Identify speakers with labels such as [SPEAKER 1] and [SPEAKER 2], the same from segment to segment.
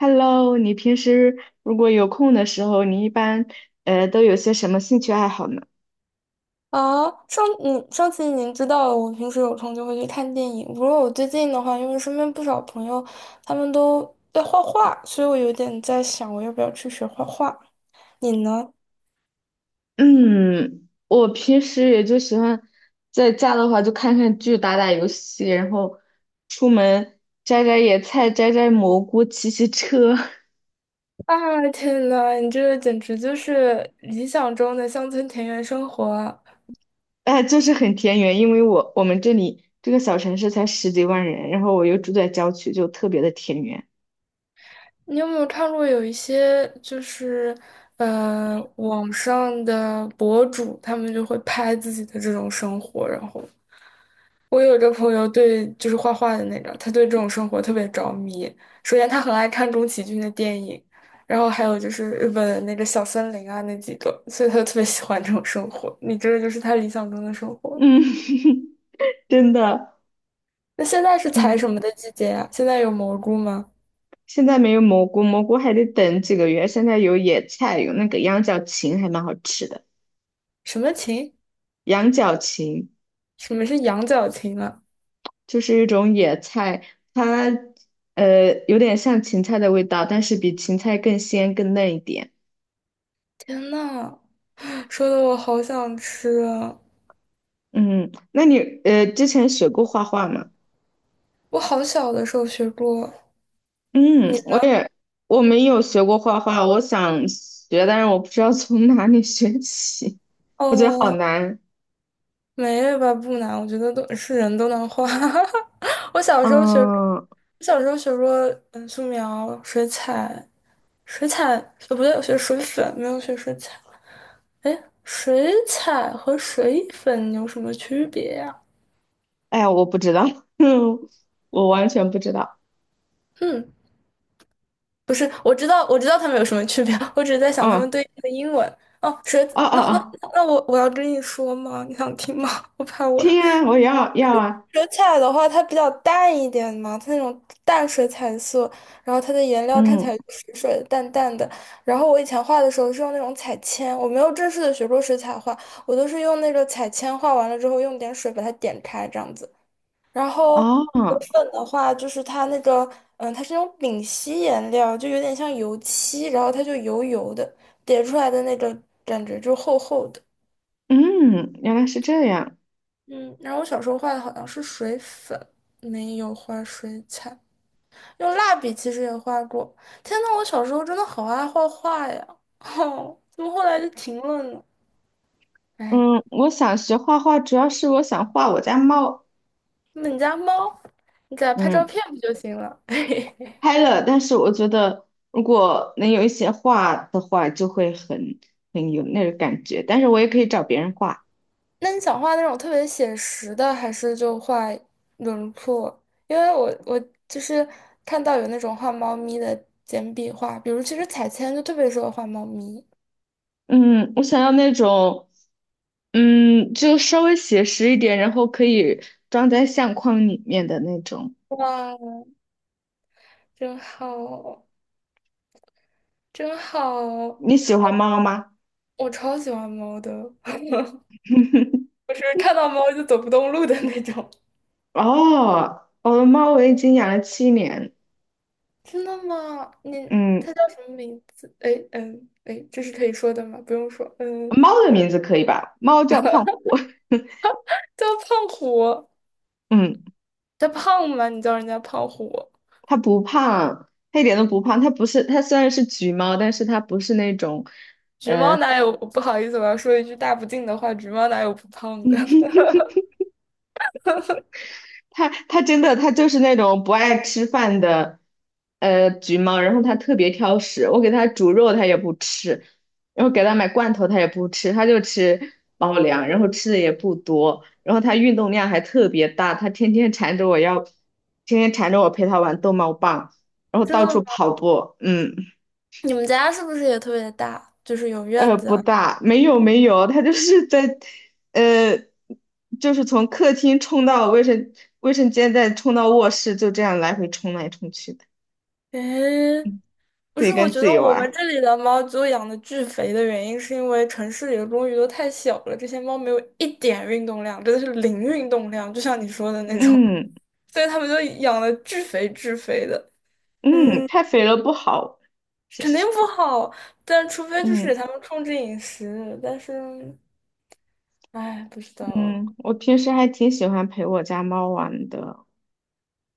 [SPEAKER 1] Hello，你平时如果有空的时候，你一般都有些什么兴趣爱好呢？
[SPEAKER 2] 啊，你上次您知道我平时有空就会去看电影。不过我最近的话，因为身边不少朋友他们都在画画，所以我有点在想，我要不要去学画画？你呢？
[SPEAKER 1] 嗯，我平时也就喜欢在家的话就看看剧、打打游戏，然后出门摘摘野菜、摘摘蘑菇、骑骑车，
[SPEAKER 2] 啊，天呐，你这个简直就是理想中的乡村田园生活啊！
[SPEAKER 1] 哎，就是很田园。因为我们这里这个小城市才十几万人，然后我又住在郊区，就特别的田园。
[SPEAKER 2] 你有没有看过有一些就是网上的博主，他们就会拍自己的这种生活，然后我有一个朋友对，就是画画的那个，他对这种生活特别着迷。首先，他很爱看宫崎骏的电影，然后还有就是日本的那个小森林啊那几个，所以他就特别喜欢这种生活。你这个就是他理想中的生 活。
[SPEAKER 1] 嗯，真的。
[SPEAKER 2] 那现在是采什
[SPEAKER 1] 嗯。
[SPEAKER 2] 么的季节呀？现在有蘑菇吗？
[SPEAKER 1] 现在没有蘑菇，蘑菇还得等几个月。现在有野菜，有那个羊角芹，还蛮好吃的。
[SPEAKER 2] 什么芹？
[SPEAKER 1] 羊角芹
[SPEAKER 2] 什么是羊角芹啊？
[SPEAKER 1] 就是一种野菜，它有点像芹菜的味道，但是比芹菜更鲜更嫩一点。
[SPEAKER 2] 天呐，说的我好想吃啊！
[SPEAKER 1] 嗯，那你之前学过画画吗？
[SPEAKER 2] 我好小的时候学过，
[SPEAKER 1] 嗯，
[SPEAKER 2] 你
[SPEAKER 1] 我
[SPEAKER 2] 呢？
[SPEAKER 1] 也我没有学过画画，我想学，但是我不知道从哪里学起，我觉得好
[SPEAKER 2] 哦。
[SPEAKER 1] 难。
[SPEAKER 2] 没吧，不难，我觉得都是人都能画。我小时候学，我
[SPEAKER 1] 嗯，
[SPEAKER 2] 小时候学过素描、水彩、水彩，呃，不对，我学水粉，没有学水彩。哎，水彩和水粉有什么区别呀？
[SPEAKER 1] 哎呀，我不知道，我完全不知道。
[SPEAKER 2] 嗯，不是，我知道，我知道它们有什么区别，我只是在想它
[SPEAKER 1] 嗯。
[SPEAKER 2] 们对应的英文。哦，水，
[SPEAKER 1] 哦哦
[SPEAKER 2] 那那
[SPEAKER 1] 哦，
[SPEAKER 2] 那我要跟你说吗？你想听吗？我怕我
[SPEAKER 1] 天啊，我要啊，
[SPEAKER 2] 水彩的话，它比较淡一点嘛，它那种淡水彩色，然后它的颜料看起
[SPEAKER 1] 嗯
[SPEAKER 2] 来就水水的、淡淡的。然后我以前画的时候是用那种彩铅，我没有正式的学过水彩画，我都是用那个彩铅画完了之后，用点水把它点开这样子。然后水
[SPEAKER 1] 哦，
[SPEAKER 2] 粉的话，就是它那个，嗯，它是那种丙烯颜料，就有点像油漆，然后它就油油的，叠出来的那个感觉就厚厚的。
[SPEAKER 1] 嗯，原来是这样，
[SPEAKER 2] 嗯，然后我小时候画的好像是水粉，没有画水彩。用蜡笔其实也画过。天呐，我小时候真的好爱画画呀！哦，怎么后来就停了呢？哎，
[SPEAKER 1] 嗯，我想学画画，主要是我想画我家猫。
[SPEAKER 2] 那你家猫，你给它拍照
[SPEAKER 1] 嗯，
[SPEAKER 2] 片不就行了？
[SPEAKER 1] 拍了，但是我觉得如果能有一些画的话，就会很很有那个感觉，但是我也可以找别人画，
[SPEAKER 2] 那你想画那种特别写实的，还是就画轮廓？因为我就是看到有那种画猫咪的简笔画，比如其实彩铅就特别适合画猫咪。
[SPEAKER 1] 嗯，我想要那种，嗯，就稍微写实一点，然后可以装在相框里面的那种，
[SPEAKER 2] 哇，真好，真好！
[SPEAKER 1] 你喜欢猫吗？
[SPEAKER 2] 我超喜欢猫的，我是看到猫就走不动路的那种。
[SPEAKER 1] 哦，我的猫我已经养了7年，
[SPEAKER 2] 真的吗？你
[SPEAKER 1] 嗯，
[SPEAKER 2] 他叫什么名字？哎，嗯，哎，这是可以说的吗？不用说，嗯，
[SPEAKER 1] 猫的名字可以吧？猫叫胖虎，
[SPEAKER 2] 叫胖虎，
[SPEAKER 1] 嗯，
[SPEAKER 2] 他胖吗？你叫人家胖虎，
[SPEAKER 1] 它不胖，它一点都不胖，它不是，它虽然是橘猫，但是它不是那种，
[SPEAKER 2] 橘猫
[SPEAKER 1] 呃，
[SPEAKER 2] 哪有？不好意思，我要说一句大不敬的话，橘猫哪有不胖的？
[SPEAKER 1] 它真的它就是那种不爱吃饭的橘猫，然后它特别挑食，我给它煮肉它也不吃，然后给它买罐头它也不吃，它就吃猫粮，然后吃的也不多，然后它运动量还特别大，它天天缠着我要，天天缠着我陪它玩逗猫棒，然后
[SPEAKER 2] 真
[SPEAKER 1] 到处
[SPEAKER 2] 的吗？
[SPEAKER 1] 跑步，嗯。
[SPEAKER 2] 你们家是不是也特别大？就是有院子
[SPEAKER 1] 不
[SPEAKER 2] 啊？
[SPEAKER 1] 大，没有没有，他就是在，呃，就是从客厅冲到卫生间，再冲到卧室，就这样来回冲来冲去的，
[SPEAKER 2] 诶，不
[SPEAKER 1] 自己
[SPEAKER 2] 是，我
[SPEAKER 1] 跟
[SPEAKER 2] 觉
[SPEAKER 1] 自
[SPEAKER 2] 得
[SPEAKER 1] 己
[SPEAKER 2] 我
[SPEAKER 1] 玩
[SPEAKER 2] 们
[SPEAKER 1] 儿。
[SPEAKER 2] 这里的猫就养的巨肥的原因，是因为城市里的公寓都太小了，这些猫没有一点运动量，真的是零运动量，就像你说的那种。
[SPEAKER 1] 嗯
[SPEAKER 2] 所以他们就养的巨肥巨肥的，
[SPEAKER 1] 嗯，
[SPEAKER 2] 嗯，
[SPEAKER 1] 太肥了不好，其
[SPEAKER 2] 肯定
[SPEAKER 1] 实，
[SPEAKER 2] 不好，但除非就是给
[SPEAKER 1] 嗯
[SPEAKER 2] 他们控制饮食，但是，哎，不知道，
[SPEAKER 1] 嗯，我平时还挺喜欢陪我家猫玩的。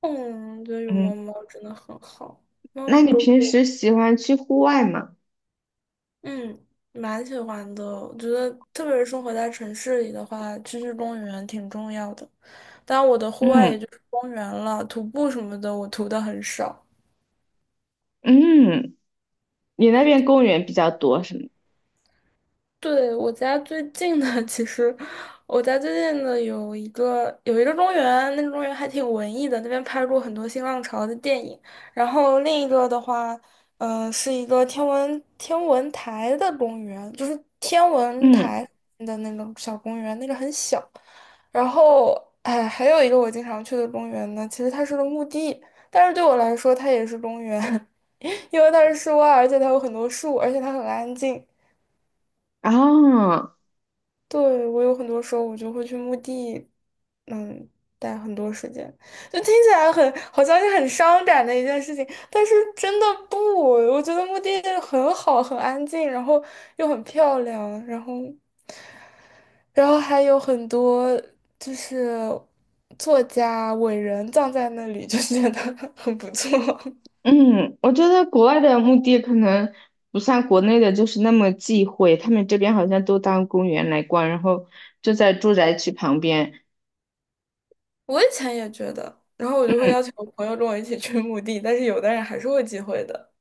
[SPEAKER 2] 嗯，我觉得有
[SPEAKER 1] 嗯，
[SPEAKER 2] 猫猫真的很好，猫
[SPEAKER 1] 那
[SPEAKER 2] 猫
[SPEAKER 1] 你
[SPEAKER 2] 狗
[SPEAKER 1] 平
[SPEAKER 2] 狗，
[SPEAKER 1] 时喜欢去户外吗？
[SPEAKER 2] 嗯，蛮喜欢的，我觉得特别是生活在城市里的话，去公园挺重要的，但我的户外
[SPEAKER 1] 嗯
[SPEAKER 2] 也就是公园了，徒步什么的我徒的很少。
[SPEAKER 1] 嗯，你那边公园比较多是吗？
[SPEAKER 2] 对，我家最近的，其实我家最近的有一个公园，那个公园还挺文艺的，那边拍过很多新浪潮的电影。然后另一个的话，嗯，是一个天文台的公园，就是天文
[SPEAKER 1] 嗯，
[SPEAKER 2] 台的那个小公园，那个很小。然后，哎，还有一个我经常去的公园呢，其实它是个墓地，但是对我来说它也是公园，因为它是室外，而且它有很多树，而且它很安静。
[SPEAKER 1] 哦。
[SPEAKER 2] 对，我有很多时候我就会去墓地，嗯，待很多时间，就听起来很好像是很伤感的一件事情，但是真的不，我觉得墓地很好，很安静，然后又很漂亮，然后，然后还有很多就是作家伟人葬在那里，就觉得很不错。
[SPEAKER 1] 嗯，我觉得国外的墓地可能不像国内的，就是那么忌讳。他们这边好像都当公园来逛，然后就在住宅区旁边。
[SPEAKER 2] 我以前也觉得，然后我就会邀请我朋友跟我一起去墓地，但是有的人还是会忌讳的。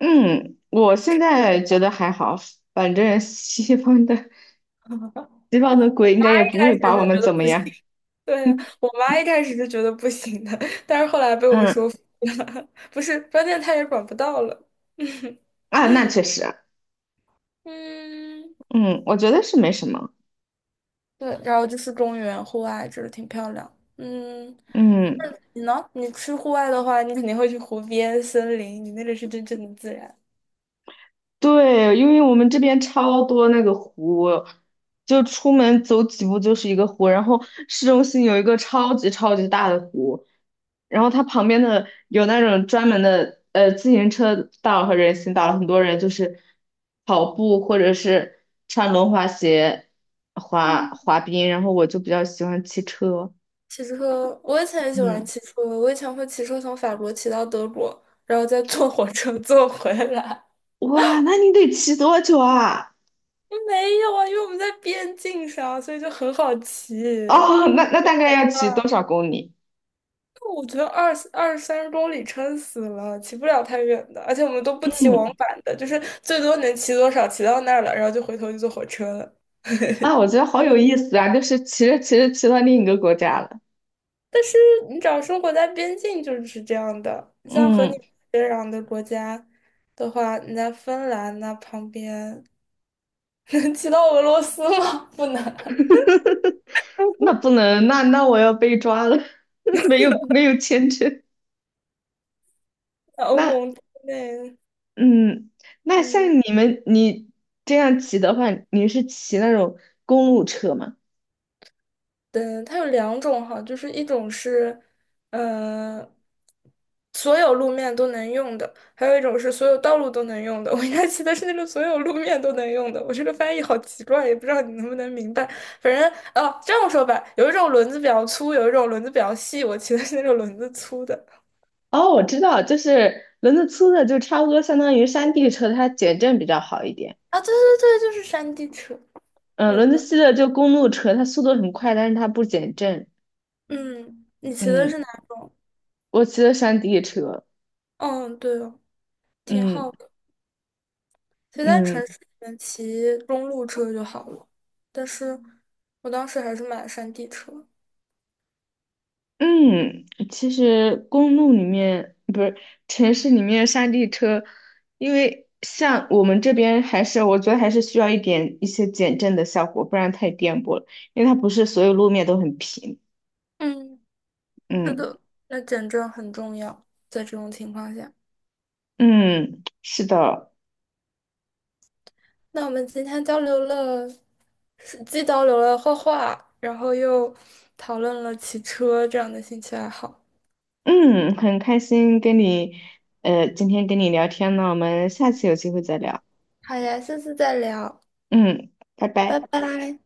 [SPEAKER 1] 嗯，嗯我现在觉
[SPEAKER 2] 是
[SPEAKER 1] 得还好，反正西方的鬼应该也不
[SPEAKER 2] 开
[SPEAKER 1] 会
[SPEAKER 2] 始
[SPEAKER 1] 把我
[SPEAKER 2] 是
[SPEAKER 1] 们
[SPEAKER 2] 觉
[SPEAKER 1] 怎
[SPEAKER 2] 得
[SPEAKER 1] 么
[SPEAKER 2] 不行，
[SPEAKER 1] 样。
[SPEAKER 2] 对呀，我妈一开始是觉得不行的，但是后来被我
[SPEAKER 1] 嗯，
[SPEAKER 2] 说服了，不是，关键她也管不到了。
[SPEAKER 1] 啊，那确实，
[SPEAKER 2] 嗯，
[SPEAKER 1] 嗯，我觉得是没什么。
[SPEAKER 2] 对，然后就是公园、户外，就是挺漂亮。嗯，
[SPEAKER 1] 嗯。
[SPEAKER 2] 你呢？你去户外的话，你肯定会去湖边、森林，你那里是真正的自然。
[SPEAKER 1] 对，因为我们这边超多那个湖，就出门走几步就是一个湖，然后市中心有一个超级超级大的湖，然后它旁边的有那种专门的自行车道和人行道，很多人就是跑步或者是穿轮滑鞋滑
[SPEAKER 2] 嗯，
[SPEAKER 1] 滑冰，然后我就比较喜欢骑车，
[SPEAKER 2] 骑车，我以前也喜欢
[SPEAKER 1] 嗯，
[SPEAKER 2] 骑车，我以前会骑车从法国骑到德国，然后再坐火车 坐回来。
[SPEAKER 1] 哇，那你得骑多久啊？
[SPEAKER 2] 没有啊，因为我们在边境上，所以就很好骑。
[SPEAKER 1] 哦，那大概要骑多
[SPEAKER 2] 啊，
[SPEAKER 1] 少公里？
[SPEAKER 2] 我觉得二三十公里撑死了，骑不了太远的，而且我们都不 骑往
[SPEAKER 1] 嗯。
[SPEAKER 2] 返的，就是最多能骑多少，骑到那儿了，然后就回头就坐火车了。
[SPEAKER 1] 啊，我觉得好有意思啊！就是骑着骑着骑到另一个国家了，
[SPEAKER 2] 就你只要生活在边境，就是这样的。你像和你
[SPEAKER 1] 嗯，
[SPEAKER 2] 接壤的国家的话，你在芬兰那旁边 能骑到俄罗斯吗？不能，
[SPEAKER 1] 那不能，那我要被抓了，没有没有签证。
[SPEAKER 2] 在欧
[SPEAKER 1] 那
[SPEAKER 2] 盟之内，
[SPEAKER 1] 嗯，那像
[SPEAKER 2] 嗯。
[SPEAKER 1] 你们你这样骑的话，你是骑那种公路车吗？
[SPEAKER 2] 对，它有两种哈，就是一种是，呃，所有路面都能用的，还有一种是所有道路都能用的。我应该骑的是那个所有路面都能用的。我这个翻译好奇怪，也不知道你能不能明白。反正哦，这样说吧，有一种轮子比较粗，有一种轮子比较细。我骑的是那种轮子粗的。
[SPEAKER 1] 哦，我知道，就是轮子粗的就差不多相当于山地车，它减震比较好一点。
[SPEAKER 2] 啊，对，就是山地车。
[SPEAKER 1] 嗯，
[SPEAKER 2] 有
[SPEAKER 1] 轮子
[SPEAKER 2] 了，
[SPEAKER 1] 细的就公路车，它速度很快，但是它不减震。
[SPEAKER 2] 嗯，你骑的
[SPEAKER 1] 嗯，
[SPEAKER 2] 是哪？
[SPEAKER 1] 我骑的山地车，
[SPEAKER 2] 嗯，对哦，挺
[SPEAKER 1] 嗯
[SPEAKER 2] 好的。其实在
[SPEAKER 1] 嗯。
[SPEAKER 2] 城市里面骑公路车就好了，但是我当时还是买了山地车。
[SPEAKER 1] 嗯，其实公路里面不是城市里面山地车，因为像我们这边还是我觉得还是需要一些减震的效果，不然太颠簸了。因为它不是所有路面都很平。
[SPEAKER 2] 嗯，是
[SPEAKER 1] 嗯
[SPEAKER 2] 的，那减震很重要，在这种情况下。
[SPEAKER 1] 嗯，是的，
[SPEAKER 2] 那我们今天交流了，是既交流了画画，然后又讨论了骑车这样的兴趣爱好。
[SPEAKER 1] 嗯，很开心跟你今天跟你聊天呢，我们下次有机会再聊。
[SPEAKER 2] 好呀，下次再聊，
[SPEAKER 1] 嗯，拜
[SPEAKER 2] 拜
[SPEAKER 1] 拜。
[SPEAKER 2] 拜。